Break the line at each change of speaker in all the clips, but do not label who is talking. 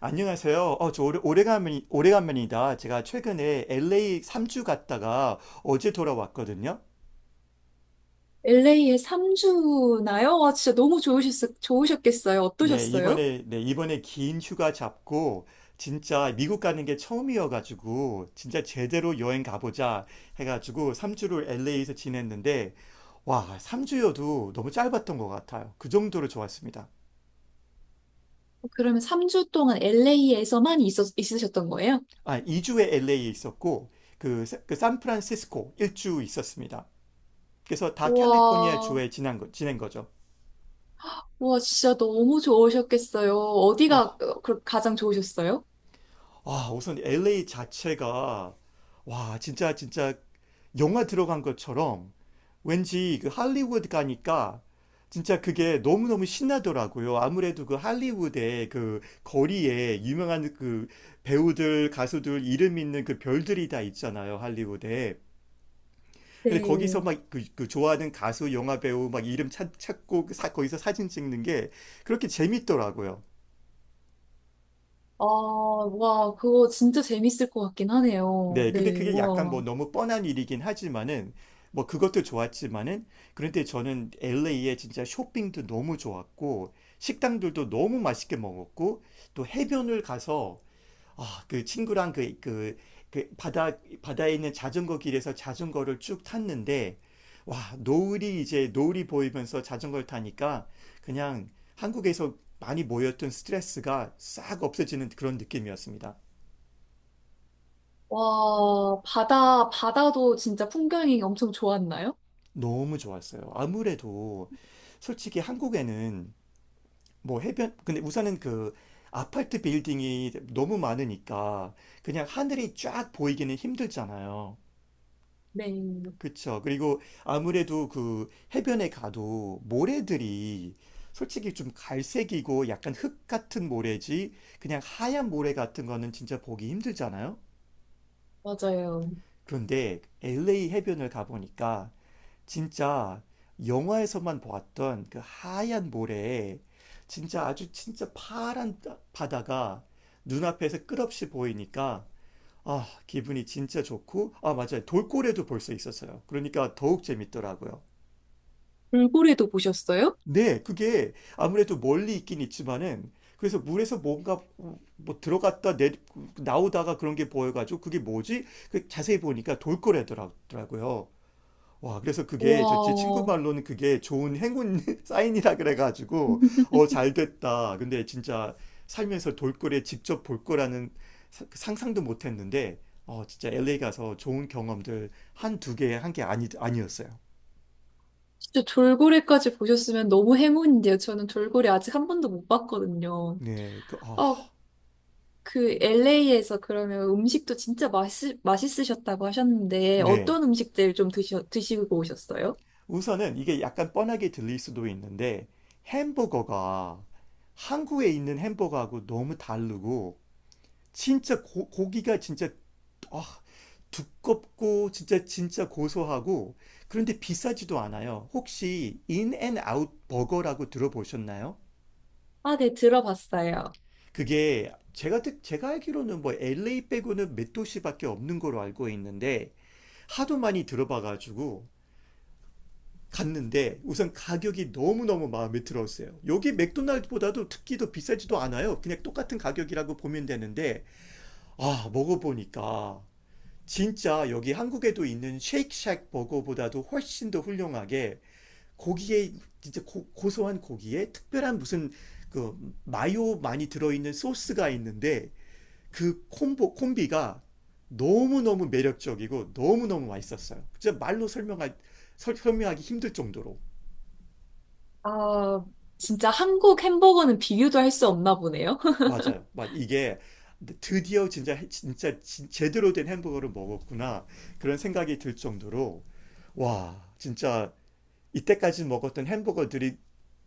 안녕하세요. 저 오래간만이다. 제가 최근에 LA 3주 갔다가 어제 돌아왔거든요.
LA에 3주나요? 와, 진짜 너무 좋으셨겠어요.
네,
어떠셨어요?
이번에, 네, 이번에 긴 휴가 잡고 진짜 미국 가는 게 처음이어가지고 진짜 제대로 여행 가보자 해가지고 3주를 LA에서 지냈는데, 와, 3주여도 너무 짧았던 것 같아요. 그 정도로 좋았습니다.
그러면 3주 동안 LA에서만 있으셨던 거예요?
2주에 LA에 있었고 그 샌프란시스코 1주 있었습니다. 그래서 다 캘리포니아
와,
주에 지낸 거죠.
와, 진짜 너무 좋으셨겠어요. 어디가
어,
가장 좋으셨어요?
우선 LA 자체가, 와, 진짜 진짜 영화 들어간 것처럼 왠지 그 할리우드 가니까 진짜 그게 너무너무 신나더라고요. 아무래도 그 할리우드의 그 거리에 유명한 그 배우들, 가수들 이름 있는 그 별들이 다 있잖아요, 할리우드에. 근데 거기서
네.
막그 그 좋아하는 가수, 영화 배우 막 이름 찾고 거기서 사진 찍는 게 그렇게 재밌더라고요.
아, 와, 그거 진짜 재밌을 것 같긴 하네요.
네, 근데
네,
그게 약간
와.
뭐 너무 뻔한 일이긴 하지만은, 뭐 그것도 좋았지만은, 그런데 저는 LA에 진짜 쇼핑도 너무 좋았고 식당들도 너무 맛있게 먹었고 또 해변을 가서, 아, 그 친구랑 그 바다에 있는 자전거 길에서 자전거를 쭉 탔는데, 와, 노을이 이제 노을이 보이면서 자전거를 타니까 그냥 한국에서 많이 모였던 스트레스가 싹 없어지는 그런 느낌이었습니다.
와, 바다도 진짜 풍경이 엄청 좋았나요?
너무 좋았어요. 아무래도 솔직히 한국에는 뭐 해변, 근데 우선은 그 아파트 빌딩이 너무 많으니까 그냥 하늘이 쫙 보이기는 힘들잖아요.
네,
그쵸. 그리고 아무래도 그 해변에 가도 모래들이 솔직히 좀 갈색이고 약간 흙 같은 모래지, 그냥 하얀 모래 같은 거는 진짜 보기 힘들잖아요.
맞아요.
그런데 LA 해변을 가보니까 진짜 영화에서만 보았던 그 하얀 모래에 진짜 아주 진짜 파란 바다가 눈앞에서 끝없이 보이니까, 아, 기분이 진짜 좋고, 아, 맞아요, 돌고래도 볼 수 있었어요. 그러니까 더욱 재밌더라고요.
돌고래도 보셨어요?
네, 그게 아무래도 멀리 있긴 있지만은, 그래서 물에서 뭔가 뭐 들어갔다 내 나오다가 그런 게 보여가지고, 그게 뭐지? 그 자세히 보니까 돌고래더라고요. 와, 그래서 그게 저 제 친구
와.
말로는 그게 좋은 행운 사인이라 그래가지고 어, 잘 됐다. 근데 진짜 살면서 돌고래 직접 볼 거라는 그 상상도 못 했는데, 어, 진짜 LA 가서 좋은 경험들 한두 개 한 게 아니 아니었어요.
진짜 돌고래까지 보셨으면 너무 행운인데요. 저는 돌고래 아직 한 번도 못 봤거든요.
네, 그 아,
어, 그 LA에서 그러면 음식도 진짜 맛있으셨다고 하셨는데
네.
어떤 음식들 좀 드시고 오셨어요?
우선은 이게 약간 뻔하게 들릴 수도 있는데, 햄버거가 한국에 있는 햄버거하고 너무 다르고 진짜 고기가 진짜 아, 두껍고 진짜 진짜 고소하고, 그런데 비싸지도 않아요. 혹시 인앤아웃 버거라고 들어보셨나요?
아, 네, 들어봤어요.
그게 제가 알기로는 뭐 LA 빼고는 몇 도시밖에 없는 걸로 알고 있는데, 하도 많이 들어봐가지고 갔는데, 우선 가격이 너무너무 마음에 들었어요. 여기 맥도날드보다도 특히 더 비싸지도 않아요. 그냥 똑같은 가격이라고 보면 되는데, 아, 먹어보니까 진짜 여기 한국에도 있는 쉐이크쉑 버거보다도 훨씬 더 훌륭하게 고기에 진짜 고소한 고기에 특별한 무슨 그 마요 많이 들어있는 소스가 있는데 그 콤보 콤비가 너무너무 매력적이고 너무너무 맛있었어요. 진짜 말로 설명하기 힘들 정도로.
아, 진짜 한국 햄버거는 비교도 할 수 없나 보네요.
맞아요. 막 이게 드디어 진짜 제대로 된 햄버거를 먹었구나, 그런 생각이 들 정도로. 와, 진짜 이때까지 먹었던 햄버거들이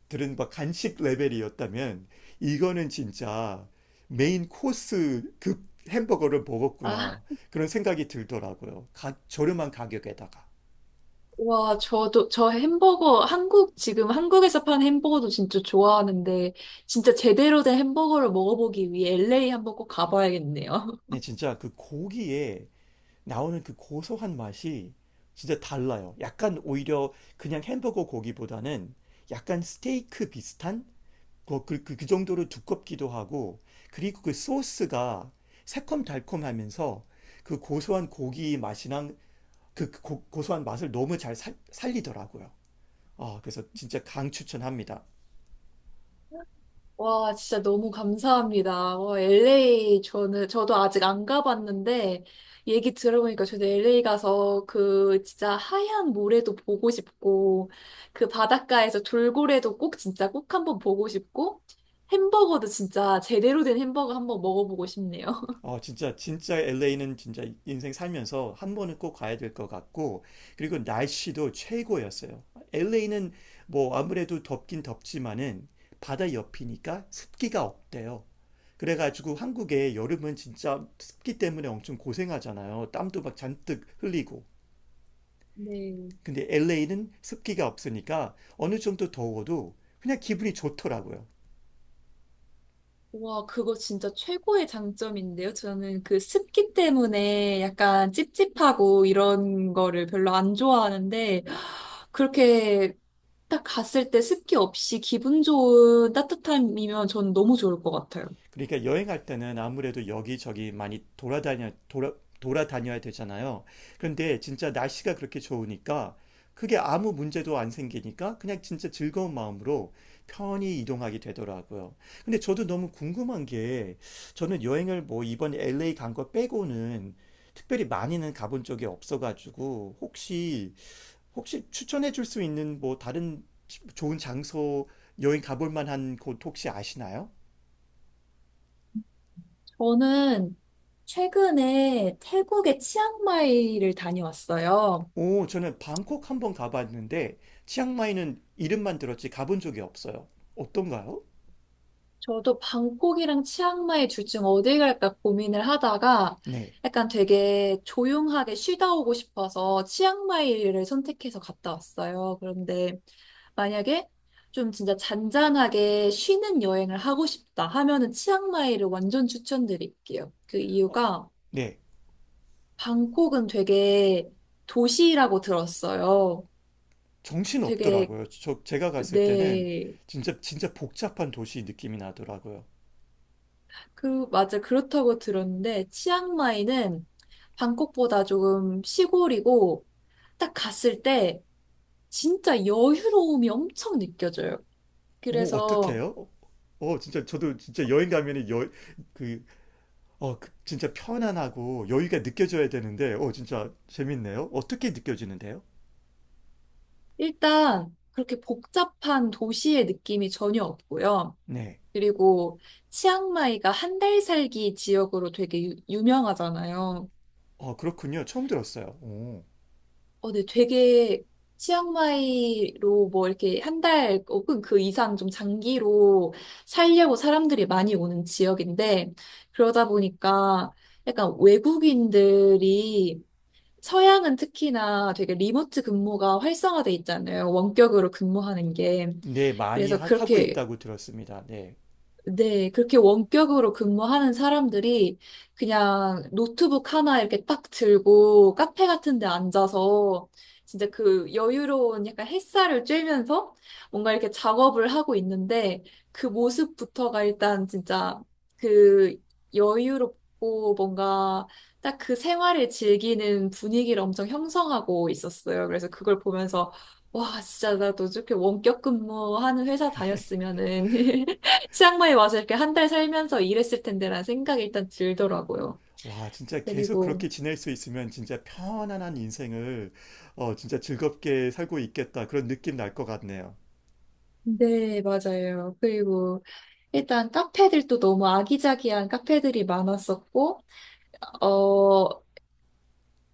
들은 막 간식 레벨이었다면 이거는 진짜 메인 코스급 햄버거를
아,
먹었구나, 그런 생각이 들더라고요. 저렴한 가격에다가.
와, 저도, 저 햄버거, 한국, 지금 한국에서 파는 햄버거도 진짜 좋아하는데, 진짜 제대로 된 햄버거를 먹어보기 위해 LA 한번 꼭 가봐야겠네요.
네, 진짜 그 고기에 나오는 그 고소한 맛이 진짜 달라요. 약간 오히려 그냥 햄버거 고기보다는 약간 스테이크 비슷한 그 정도로 두껍기도 하고. 그리고 그 소스가 새콤달콤하면서 그 고소한 고기 맛이랑 그 고소한 맛을 너무 잘 살리더라고요. 어, 그래서 진짜 강 추천합니다.
와, 진짜 너무 감사합니다. 와, LA 저는 저도 아직 안 가봤는데 얘기 들어보니까 저도 LA 가서 그 진짜 하얀 모래도 보고 싶고 그 바닷가에서 돌고래도 꼭 진짜 꼭 한번 보고 싶고 햄버거도 진짜 제대로 된 햄버거 한번 먹어보고 싶네요.
어, 진짜 진짜 LA는 진짜 인생 살면서 한 번은 꼭 가야 될 것 같고, 그리고 날씨도 최고였어요. LA는 뭐 아무래도 덥긴 덥지만은 바다 옆이니까 습기가 없대요. 그래가지고 한국에 여름은 진짜 습기 때문에 엄청 고생하잖아요. 땀도 막 잔뜩 흘리고.
네.
근데 LA는 습기가 없으니까 어느 정도 더워도 그냥 기분이 좋더라고요.
와, 그거 진짜 최고의 장점인데요. 저는 그 습기 때문에 약간 찝찝하고 이런 거를 별로 안 좋아하는데, 그렇게 딱 갔을 때 습기 없이 기분 좋은 따뜻함이면 전 너무 좋을 것 같아요.
그러니까 여행할 때는 아무래도 여기저기 많이 돌아다녀야 되잖아요. 그런데 진짜 날씨가 그렇게 좋으니까 그게 아무 문제도 안 생기니까 그냥 진짜 즐거운 마음으로 편히 이동하게 되더라고요. 근데 저도 너무 궁금한 게, 저는 여행을 뭐 이번 LA 간 거 빼고는 특별히 많이는 가본 적이 없어가지고, 혹시 추천해 줄 수 있는 뭐 다른 좋은 장소, 여행 가볼 만한 곳 혹시 아시나요?
저는 최근에 태국의 치앙마이를 다녀왔어요.
오, 저는 방콕 한 번 가봤는데 치앙마이는 이름만 들었지 가본 적이 없어요. 어떤가요?
저도 방콕이랑 치앙마이 둘 중 어디 갈까 고민을 하다가
네,
약간 되게 조용하게 쉬다 오고 싶어서 치앙마이를 선택해서 갔다 왔어요. 그런데 만약에 좀 진짜 잔잔하게 쉬는 여행을 하고 싶다 하면은 치앙마이를 완전 추천드릴게요. 그
어,
이유가
네,
방콕은 되게 도시라고 들었어요.
정신
되게
없더라고요. 저 제가 갔을 때는
네.
진짜 진짜 복잡한 도시 느낌이 나더라고요.
맞아. 그렇다고 들었는데, 치앙마이는 방콕보다 조금 시골이고, 딱 갔을 때 진짜 여유로움이 엄청 느껴져요.
오,
그래서
어떡해요? 진짜 저도 진짜 여행 가면은 그, 그 진짜 편안하고 여유가 느껴져야 되는데, 어, 진짜 재밌네요. 어떻게 느껴지는데요?
일단 그렇게 복잡한 도시의 느낌이 전혀 없고요.
네,
그리고 치앙마이가 한 달 살기 지역으로 되게 유명하잖아요.
어, 그렇군요. 처음 들었어요. 오.
네, 되게 치앙마이로 뭐 이렇게 한 달 혹은 그 이상 좀 장기로 살려고 사람들이 많이 오는 지역인데 그러다 보니까 약간 외국인들이 서양은 특히나 되게 리모트 근무가 활성화돼 있잖아요. 원격으로 근무하는 게.
네, 많이
그래서
하, 고
그렇게
있다고 들었습니다. 네.
네, 그렇게 원격으로 근무하는 사람들이 그냥 노트북 하나 이렇게 딱 들고 카페 같은 데 앉아서 진짜 그 여유로운 약간 햇살을 쬐면서 뭔가 이렇게 작업을 하고 있는데 그 모습부터가 일단 진짜 그 여유롭고 뭔가 딱 그 생활을 즐기는 분위기를 엄청 형성하고 있었어요. 그래서 그걸 보면서 와, 진짜 나도 저렇게 원격 근무하는 회사 다녔으면은 치앙마이 와서 이렇게 한 달 살면서 일했을 텐데라는 생각이 일단 들더라고요.
와, 진짜 계속
그리고,
그렇게 지낼 수 있으면 진짜 편안한 인생을, 어, 진짜 즐겁게 살고 있겠다, 그런 느낌 날 것 같네요.
네, 맞아요. 그리고, 일단 카페들도 너무 아기자기한 카페들이 많았었고, 어,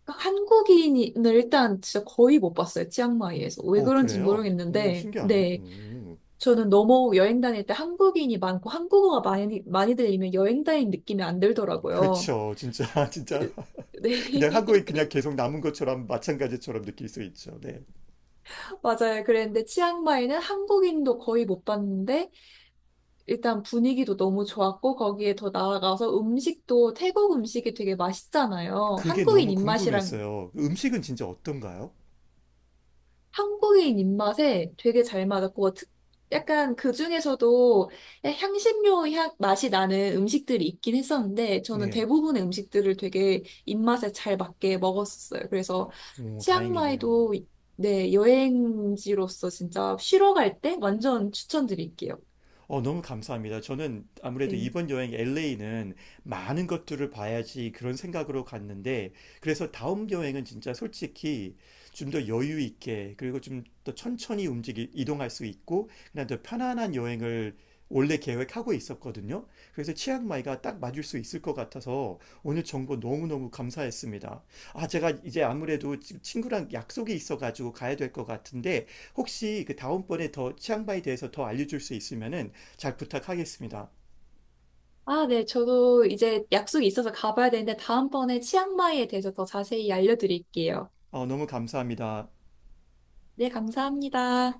한국인을 일단 진짜 거의 못 봤어요. 치앙마이에서. 왜
오,
그런지
그래요? 오,
모르겠는데,
신기하네요.
네.
오.
저는 너무 여행 다닐 때 한국인이 많고 한국어가 많이 들리면 여행 다닌 느낌이 안 들더라고요.
그쵸. 진짜, 진짜. 그냥 한국에
네.
그냥 계속 남은 것처럼 마찬가지처럼 느낄 수 있죠. 네.
맞아요. 그랬는데 치앙마이는 한국인도 거의 못 봤는데 일단 분위기도 너무 좋았고 거기에 더 나아가서 음식도 태국 음식이 되게 맛있잖아요.
그게 너무 궁금했어요. 음식은 진짜 어떤가요?
한국인 입맛에 되게 잘 맞았고 약간 그 중에서도 향신료 향 맛이 나는 음식들이 있긴 했었는데 저는
네.
대부분의 음식들을 되게 입맛에 잘 맞게 먹었었어요. 그래서
오, 다행이네요.
치앙마이도 네, 여행지로서 진짜 쉬러 갈 때 완전 추천드릴게요.
어, 너무 감사합니다. 저는 아무래도
네.
이번 여행 LA는 많은 것들을 봐야지 그런 생각으로 갔는데, 그래서 다음 여행은 진짜 솔직히 좀 더 여유 있게, 그리고 좀 더 천천히 이동할 수 있고, 그냥 더 편안한 여행을 원래 계획하고 있었거든요. 그래서 치앙마이가 딱 맞을 수 있을 것 같아서 오늘 정보 너무너무 감사했습니다. 아, 제가 이제 아무래도 지금 친구랑 약속이 있어가지고 가야 될 것 같은데, 혹시 그 다음번에 더 치앙마이에 대해서 더 알려줄 수 있으면은 잘 부탁하겠습니다.
아, 네. 저도 이제 약속이 있어서 가봐야 되는데 다음번에 치앙마이에 대해서 더 자세히 알려드릴게요.
어, 너무 감사합니다.
네, 감사합니다.